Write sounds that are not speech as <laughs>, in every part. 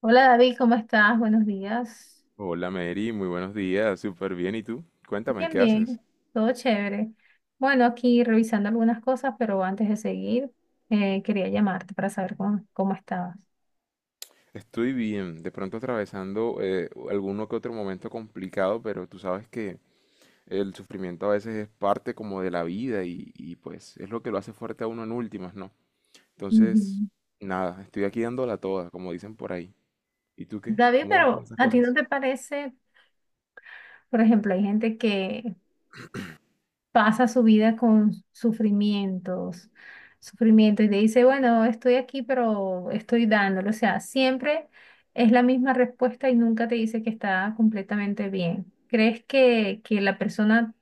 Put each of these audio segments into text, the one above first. Hola David, ¿cómo estás? Buenos días. Hola Mary, muy buenos días, súper bien. ¿Y tú? Cuéntame, Bien, ¿qué bien, haces? todo chévere. Bueno, aquí revisando algunas cosas, pero antes de seguir, quería llamarte para saber cómo estabas. Estoy bien, de pronto atravesando alguno que otro momento complicado, pero tú sabes que el sufrimiento a veces es parte como de la vida y pues es lo que lo hace fuerte a uno en últimas, ¿no? Ujú. Entonces, nada, estoy aquí dándola toda, como dicen por ahí. ¿Y tú qué? David, ¿Cómo van con pero esas ¿a ti no cosas? te parece, por ejemplo, hay gente que pasa su vida con sufrimientos, sufrimiento y te dice, bueno, estoy aquí, pero estoy dándolo. O sea, siempre es la misma respuesta y nunca te dice que está completamente bien. ¿Crees que la persona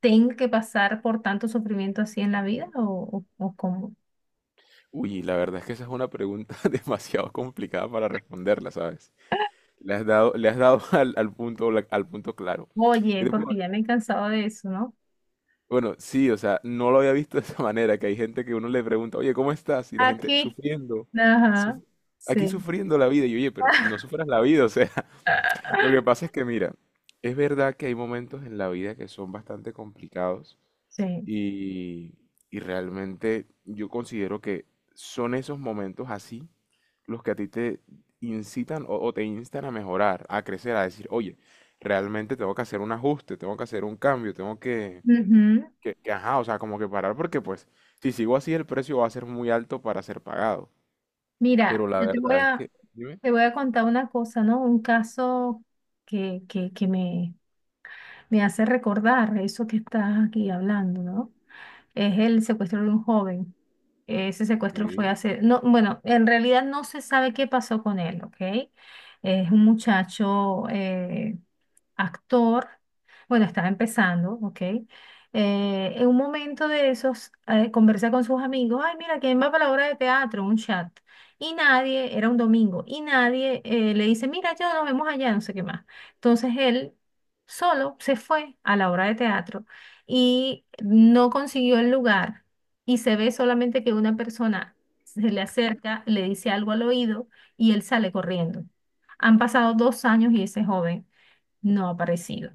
tenga que pasar por tanto sufrimiento así en la vida o, o cómo? Uy, la verdad es que esa es una pregunta <laughs> demasiado complicada para responderla, ¿sabes? Le has dado <laughs> al punto, al punto claro. Oye, ¿Qué te puedo porque ya me he cansado de eso, ¿no? Bueno, sí, o sea, no lo había visto de esa manera, que hay gente que uno le pregunta, oye, ¿cómo estás? Y la gente Aquí. sufriendo, Ajá. suf- aquí Sí. sufriendo la vida. Y yo, oye, pero no sufras la vida, o sea, <laughs> lo que <laughs> pasa es que mira, es verdad que hay momentos en la vida que son bastante complicados Sí. y, y realmente yo considero que son esos momentos así los que a ti te incitan o te instan a mejorar, a crecer, a decir, oye, realmente tengo que hacer un ajuste, tengo que hacer un cambio, tengo que Ujú. Ajá, o sea, como que parar porque pues si sigo así el precio va a ser muy alto para ser pagado. Pero Mira, la yo verdad es que, dime, te voy a contar una cosa, ¿no? Un caso que me hace recordar eso que estás aquí hablando, ¿no? Es el secuestro de un joven. Ese ok, secuestro fue hace, no, bueno, en realidad no se sabe qué pasó con él, ¿ok? Es un muchacho, actor, bueno, estaba empezando, ¿ok? En un momento de esos, conversa con sus amigos, ay, mira, ¿quién va para la obra de teatro? Un chat. Y nadie, era un domingo, y nadie le dice, mira, yo nos vemos allá, no sé qué más. Entonces él solo se fue a la obra de teatro y no consiguió el lugar y se ve solamente que una persona se le acerca, le dice algo al oído y él sale corriendo. Han pasado dos años y ese joven no ha aparecido.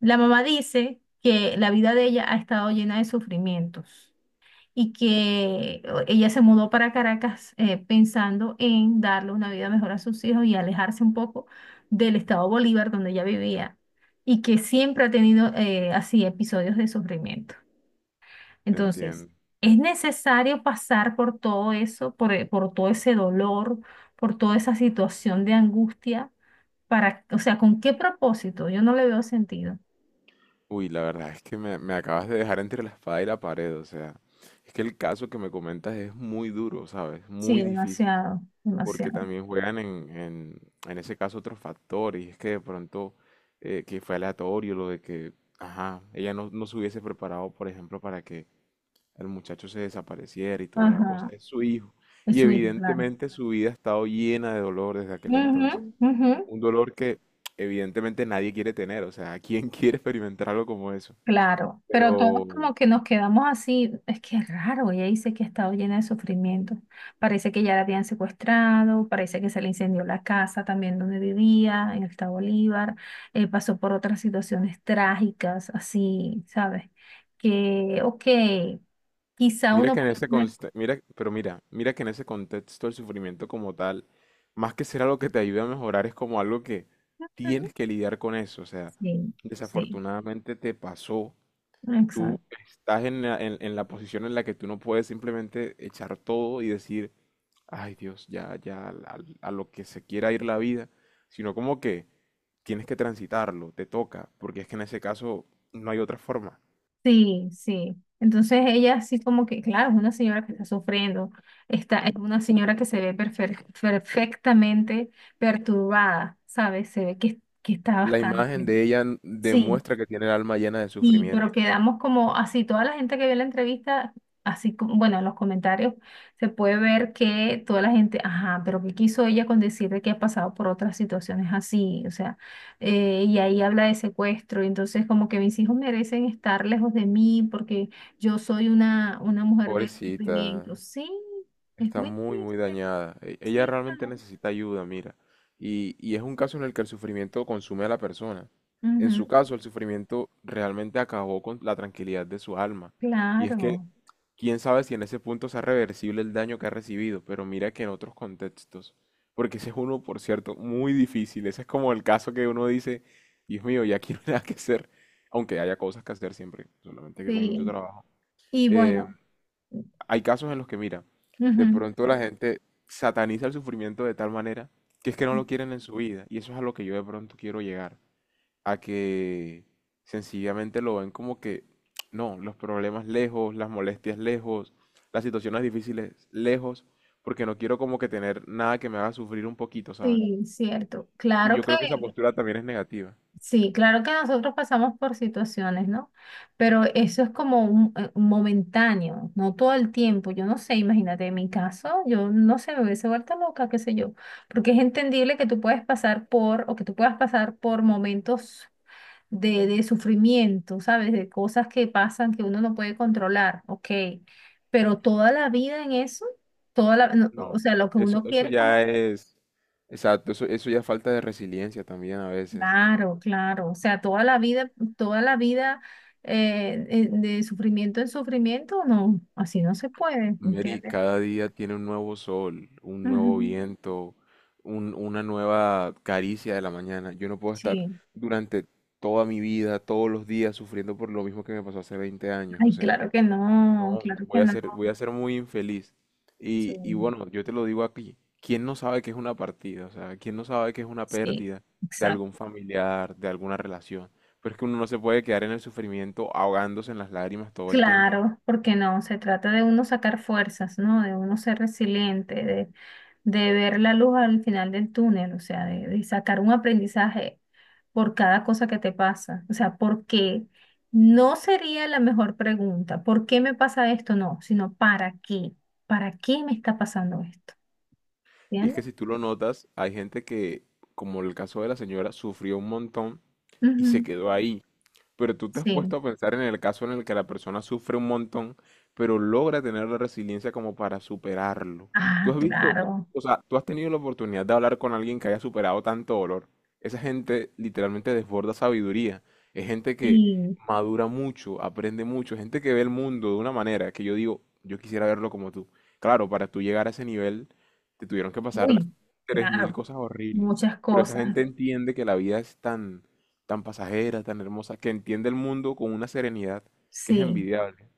La mamá dice que la vida de ella ha estado llena de sufrimientos y que ella se mudó para Caracas pensando en darle una vida mejor a sus hijos y alejarse un poco del estado Bolívar donde ella vivía y que siempre ha tenido así episodios de sufrimiento. te Entonces, entiendo. es necesario pasar por todo eso, por todo ese dolor, por toda esa situación de angustia, para, o sea, ¿con qué propósito? Yo no le veo sentido. Uy, la verdad es que me acabas de dejar entre la espada y la pared, o sea, es que el caso que me comentas es muy duro, ¿sabes? Muy Sí, difícil, demasiado, porque demasiado. también juegan en ese caso otros factores, y es que de pronto que fue aleatorio lo de que, ajá, ella no, no se hubiese preparado, por ejemplo, para que el muchacho se desapareciera y toda la cosa. Ajá, Es su hijo. es Y su hijo, claro. evidentemente su vida ha estado llena de dolor desde aquel Ujú, entonces. ujú. Un dolor que evidentemente nadie quiere tener. O sea, ¿quién <laughs> quiere experimentar algo como eso? Claro, pero Pero todos como que nos quedamos así, es que es raro, ella dice que ha estado llena de sufrimiento. Parece que ya la habían secuestrado, parece que se le incendió la casa también donde vivía, en el estado Bolívar, pasó por otras situaciones trágicas, así, ¿sabes? Que, ok, quizá mira uno que puede... mira, pero mira, mira que en ese contexto el sufrimiento como tal, más que ser algo que te ayude a mejorar, es como algo que Ujú. tienes que lidiar con eso. O sea, Sí, sí, desafortunadamente te pasó tú exacto. estás en en la posición en la que tú no puedes simplemente echar todo y decir, ay Dios, ya, ya, lo que se quiera ir la vida, sino como que tienes que transitarlo, te toca, porque es que en ese caso no hay otra forma. Sí, sí. Entonces ella así como que, claro, es una señora que está sufriendo, está, es una señora que se ve perfectamente perturbada, ¿sabes? Se ve que está La imagen bastante. de ella Sí, demuestra que tiene el alma llena de y pero sufrimiento. quedamos como así, toda la gente que vio la entrevista, así como, bueno, en los comentarios se puede ver que toda la gente, ajá, pero ¿qué quiso ella con decir de que ha pasado por otras situaciones así? O sea, y ahí habla de secuestro, y entonces como que mis hijos merecen estar lejos de mí porque yo soy una mujer de Pobrecita. sufrimiento. Sí, es Está muy muy, muy triste, dañada. Ella sí, realmente claro. necesita ayuda, mira. Y es un caso en el que el sufrimiento consume a la persona. En Ujú, su caso, el sufrimiento realmente acabó con la tranquilidad de su alma. Y es que, claro, quién sabe si en ese punto sea reversible el daño que ha recibido, pero mira que en otros contextos, porque ese es uno, por cierto, muy difícil. Ese es como el caso que uno dice, Dios mío, ya aquí no hay nada que hacer, aunque haya cosas que hacer siempre, solamente que con mucho sí. trabajo. Y Eh, bueno. hay casos en los que, mira, de Ujú. pronto la gente sataniza el sufrimiento de tal manera que es que no Sí. lo quieren en su vida. Y eso es a lo que yo de pronto quiero llegar. A que sencillamente lo ven como que, no, los problemas lejos, las molestias lejos, las situaciones difíciles lejos, porque no quiero como que tener nada que me haga sufrir un poquito, ¿sabes? Sí, cierto. Y Claro yo que, creo que esa postura también es negativa. sí, claro que nosotros pasamos por situaciones, ¿no? Pero eso es como un, momentáneo, no todo el tiempo. Yo no sé, imagínate, en mi caso, yo no sé, me hubiese vuelto loca, qué sé yo. Porque es entendible que tú puedes pasar por, o que tú puedas pasar por momentos de sufrimiento, ¿sabes? De cosas que pasan que uno no puede controlar, ok. Pero toda la vida en eso, toda la, no, o No, sea, lo que eso, uno eso quiere es como ya es, exacto, eso ya es falta de resiliencia también a veces. Claro, claro. O sea, toda la vida de sufrimiento en sufrimiento, no, así no se puede, Mary, ¿entiendes? cada día tiene un nuevo sol, un nuevo Ujú. viento, una nueva caricia de la mañana. Yo no puedo estar Sí. durante toda mi vida, todos los días, sufriendo por lo mismo que me pasó hace 20 años. O Ay, sea, claro que no, no, claro que no. Voy a ser muy infeliz. Sí, Y bueno, yo te lo digo aquí, ¿quién no sabe qué es una partida? O sea, ¿quién no sabe qué es una sí, pérdida de exacto. algún familiar, de alguna relación? Pero es que uno no se puede quedar en el sufrimiento ahogándose en las lágrimas todo el tiempo. Claro, porque no, se trata de uno sacar fuerzas, ¿no? De uno ser resiliente, de ver la luz al final del túnel, o sea, de sacar un aprendizaje por cada cosa que te pasa. O sea, ¿por qué? No sería la mejor pregunta, ¿por qué me pasa esto? No, sino ¿para qué? ¿Para qué me está pasando esto? Y es que ¿Entiendes? si tú lo notas, hay gente que, como el caso de la señora, sufrió un montón y se Ujú. quedó ahí. Pero tú te has Sí. puesto a pensar en el caso en el que la persona sufre un montón, pero logra tener la resiliencia como para superarlo. Tú Ah, has visto, claro. o sea, tú has tenido la oportunidad de hablar con alguien que haya superado tanto dolor. Esa gente literalmente desborda sabiduría. Es gente que Sí. madura mucho, aprende mucho, gente que ve el mundo de una manera que yo digo, yo quisiera verlo como tú. Claro, para tú llegar a ese nivel, te tuvieron que pasar Uy, 3000 claro. cosas horribles. Muchas Pero esa cosas. gente entiende que la vida es tan pasajera, tan hermosa, que entiende el mundo con una serenidad que es Sí. envidiable.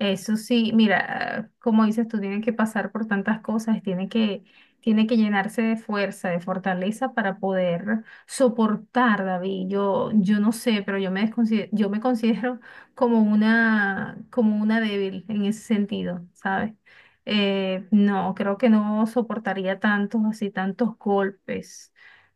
Eso sí, mira, como dices tú, tiene que pasar por tantas cosas, tiene que llenarse de fuerza, de fortaleza para poder soportar, David. Yo no sé, pero yo me considero como una débil en ese sentido, ¿sabes? No, creo que no soportaría tantos, así, tantos golpes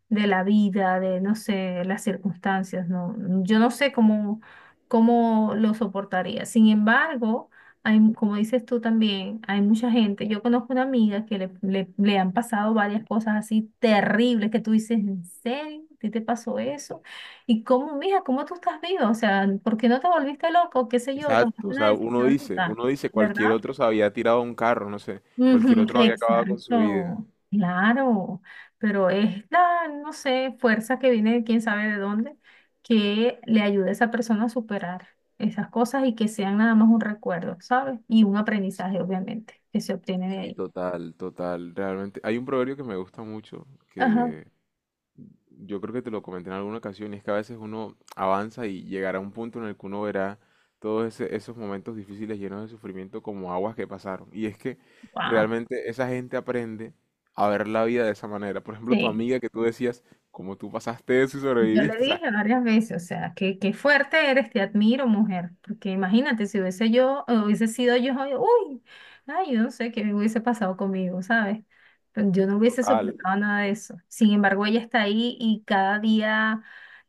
de la vida, de, no sé, las circunstancias, no, yo no sé cómo, cómo lo soportaría. Sin embargo, hay, como dices tú también, hay mucha gente. Yo conozco una amiga que le han pasado varias cosas así terribles que tú dices, ¿en serio? ¿A ti te pasó eso? ¿Y cómo, mija, cómo tú estás viva? O sea, ¿por qué no te volviste loco? ¿Qué sé yo? Exacto, Tomaste o una sea, decisión loca, uno dice, cualquier ¿verdad? otro se había tirado a un carro, no sé, cualquier Ujú, otro había acabado con su vida. exacto, claro, pero es la, no sé, fuerza que viene de quién sabe de dónde, que le ayude a esa persona a superar esas cosas y que sean nada más un recuerdo, ¿sabes? Y un aprendizaje, obviamente, que se obtiene de Sí, ahí. total, total, realmente. Hay un proverbio que me gusta mucho, Ajá, que Yo creo que te lo comenté en alguna ocasión, y es que a veces uno avanza y llegará a un punto en el que uno verá esos momentos difíciles llenos de sufrimiento como aguas que pasaron. Y es que wow, realmente esa gente aprende a ver la vida de esa manera. Por ejemplo, tu sí. amiga que tú decías, como tú pasaste eso y Yo le sobreviviste. O dije sea, varias veces, o sea, que qué fuerte eres, te admiro, mujer, porque imagínate si hubiese yo, hubiese sido yo, ay, uy, ay, yo no sé qué hubiese pasado conmigo, ¿sabes? Pero yo no hubiese total, soportado nada de eso. Sin embargo, ella está ahí y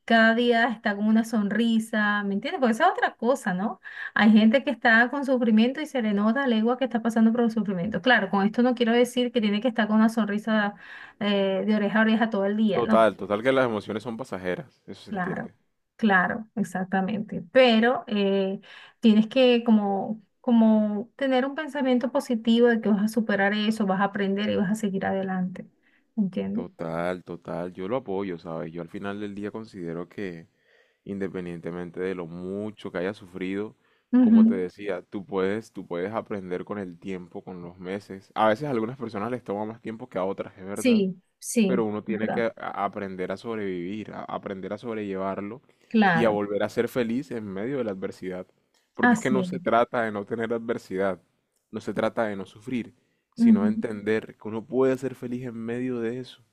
cada día está con una sonrisa, ¿me entiendes? Porque esa es otra cosa, ¿no? Hay gente que está con sufrimiento y se le nota a legua que está pasando por un sufrimiento. Claro, con esto no quiero decir que tiene que estar con una sonrisa de oreja a oreja todo el día, ¿no? Total que las emociones son pasajeras, eso se Claro, entiende. claro, exactamente. Pero tienes que como, como tener un pensamiento positivo de que vas a superar eso, vas a aprender y vas a seguir adelante. ¿Entiendes? Total, total. Yo lo apoyo, ¿sabes? Yo al final del día considero que independientemente de lo mucho que hayas sufrido, como te Ujú. decía, tú puedes aprender con el tiempo, con los meses. A veces a algunas personas les toma más tiempo que a otras, es verdad Sí, sí, pero uno tiene que ¿verdad? Aprender a sobrevivir, a aprender a sobrellevarlo y a Claro, volver a ser feliz en medio de la adversidad. Porque es que así no es. se trata de no tener adversidad, no se trata de no sufrir, sino de Ujú. entender que uno puede ser feliz en medio de eso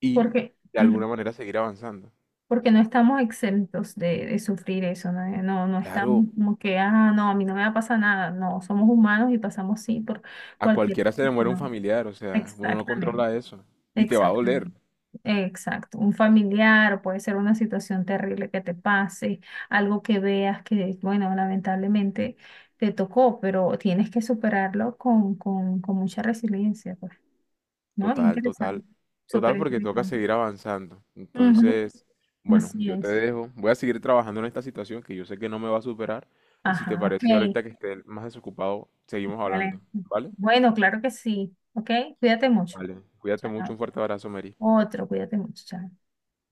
y Porque, de ujú, alguna manera seguir avanzando. porque no estamos exentos de sufrir eso, ¿no? No, no estamos Claro, como que, ah, no, a mí no me va a pasar nada. No, somos humanos y pasamos sí por a cualquier... cualquiera se le muere un no, familiar, o sea, uno no exactamente, controla eso y te va a doler, exactamente. Exacto, un familiar, o puede ser una situación terrible que te pase, algo que veas que, bueno, lamentablemente te tocó, pero tienes que superarlo con mucha resiliencia, pues, ¿no? Total, total, Interesante, súper total, porque toca interesante. seguir avanzando. Ujú. Entonces, bueno, Así yo te es. dejo. Voy a seguir trabajando en esta situación que yo sé que no me va a superar. Y si te Ajá, parece ok. ahorita que esté más desocupado, seguimos Vale. hablando, ¿vale? Bueno, claro que sí, ok. Cuídate mucho. Vale. Cuídate mucho, Chao. un fuerte abrazo, Mary. Otro, cuídate mucho. Chao.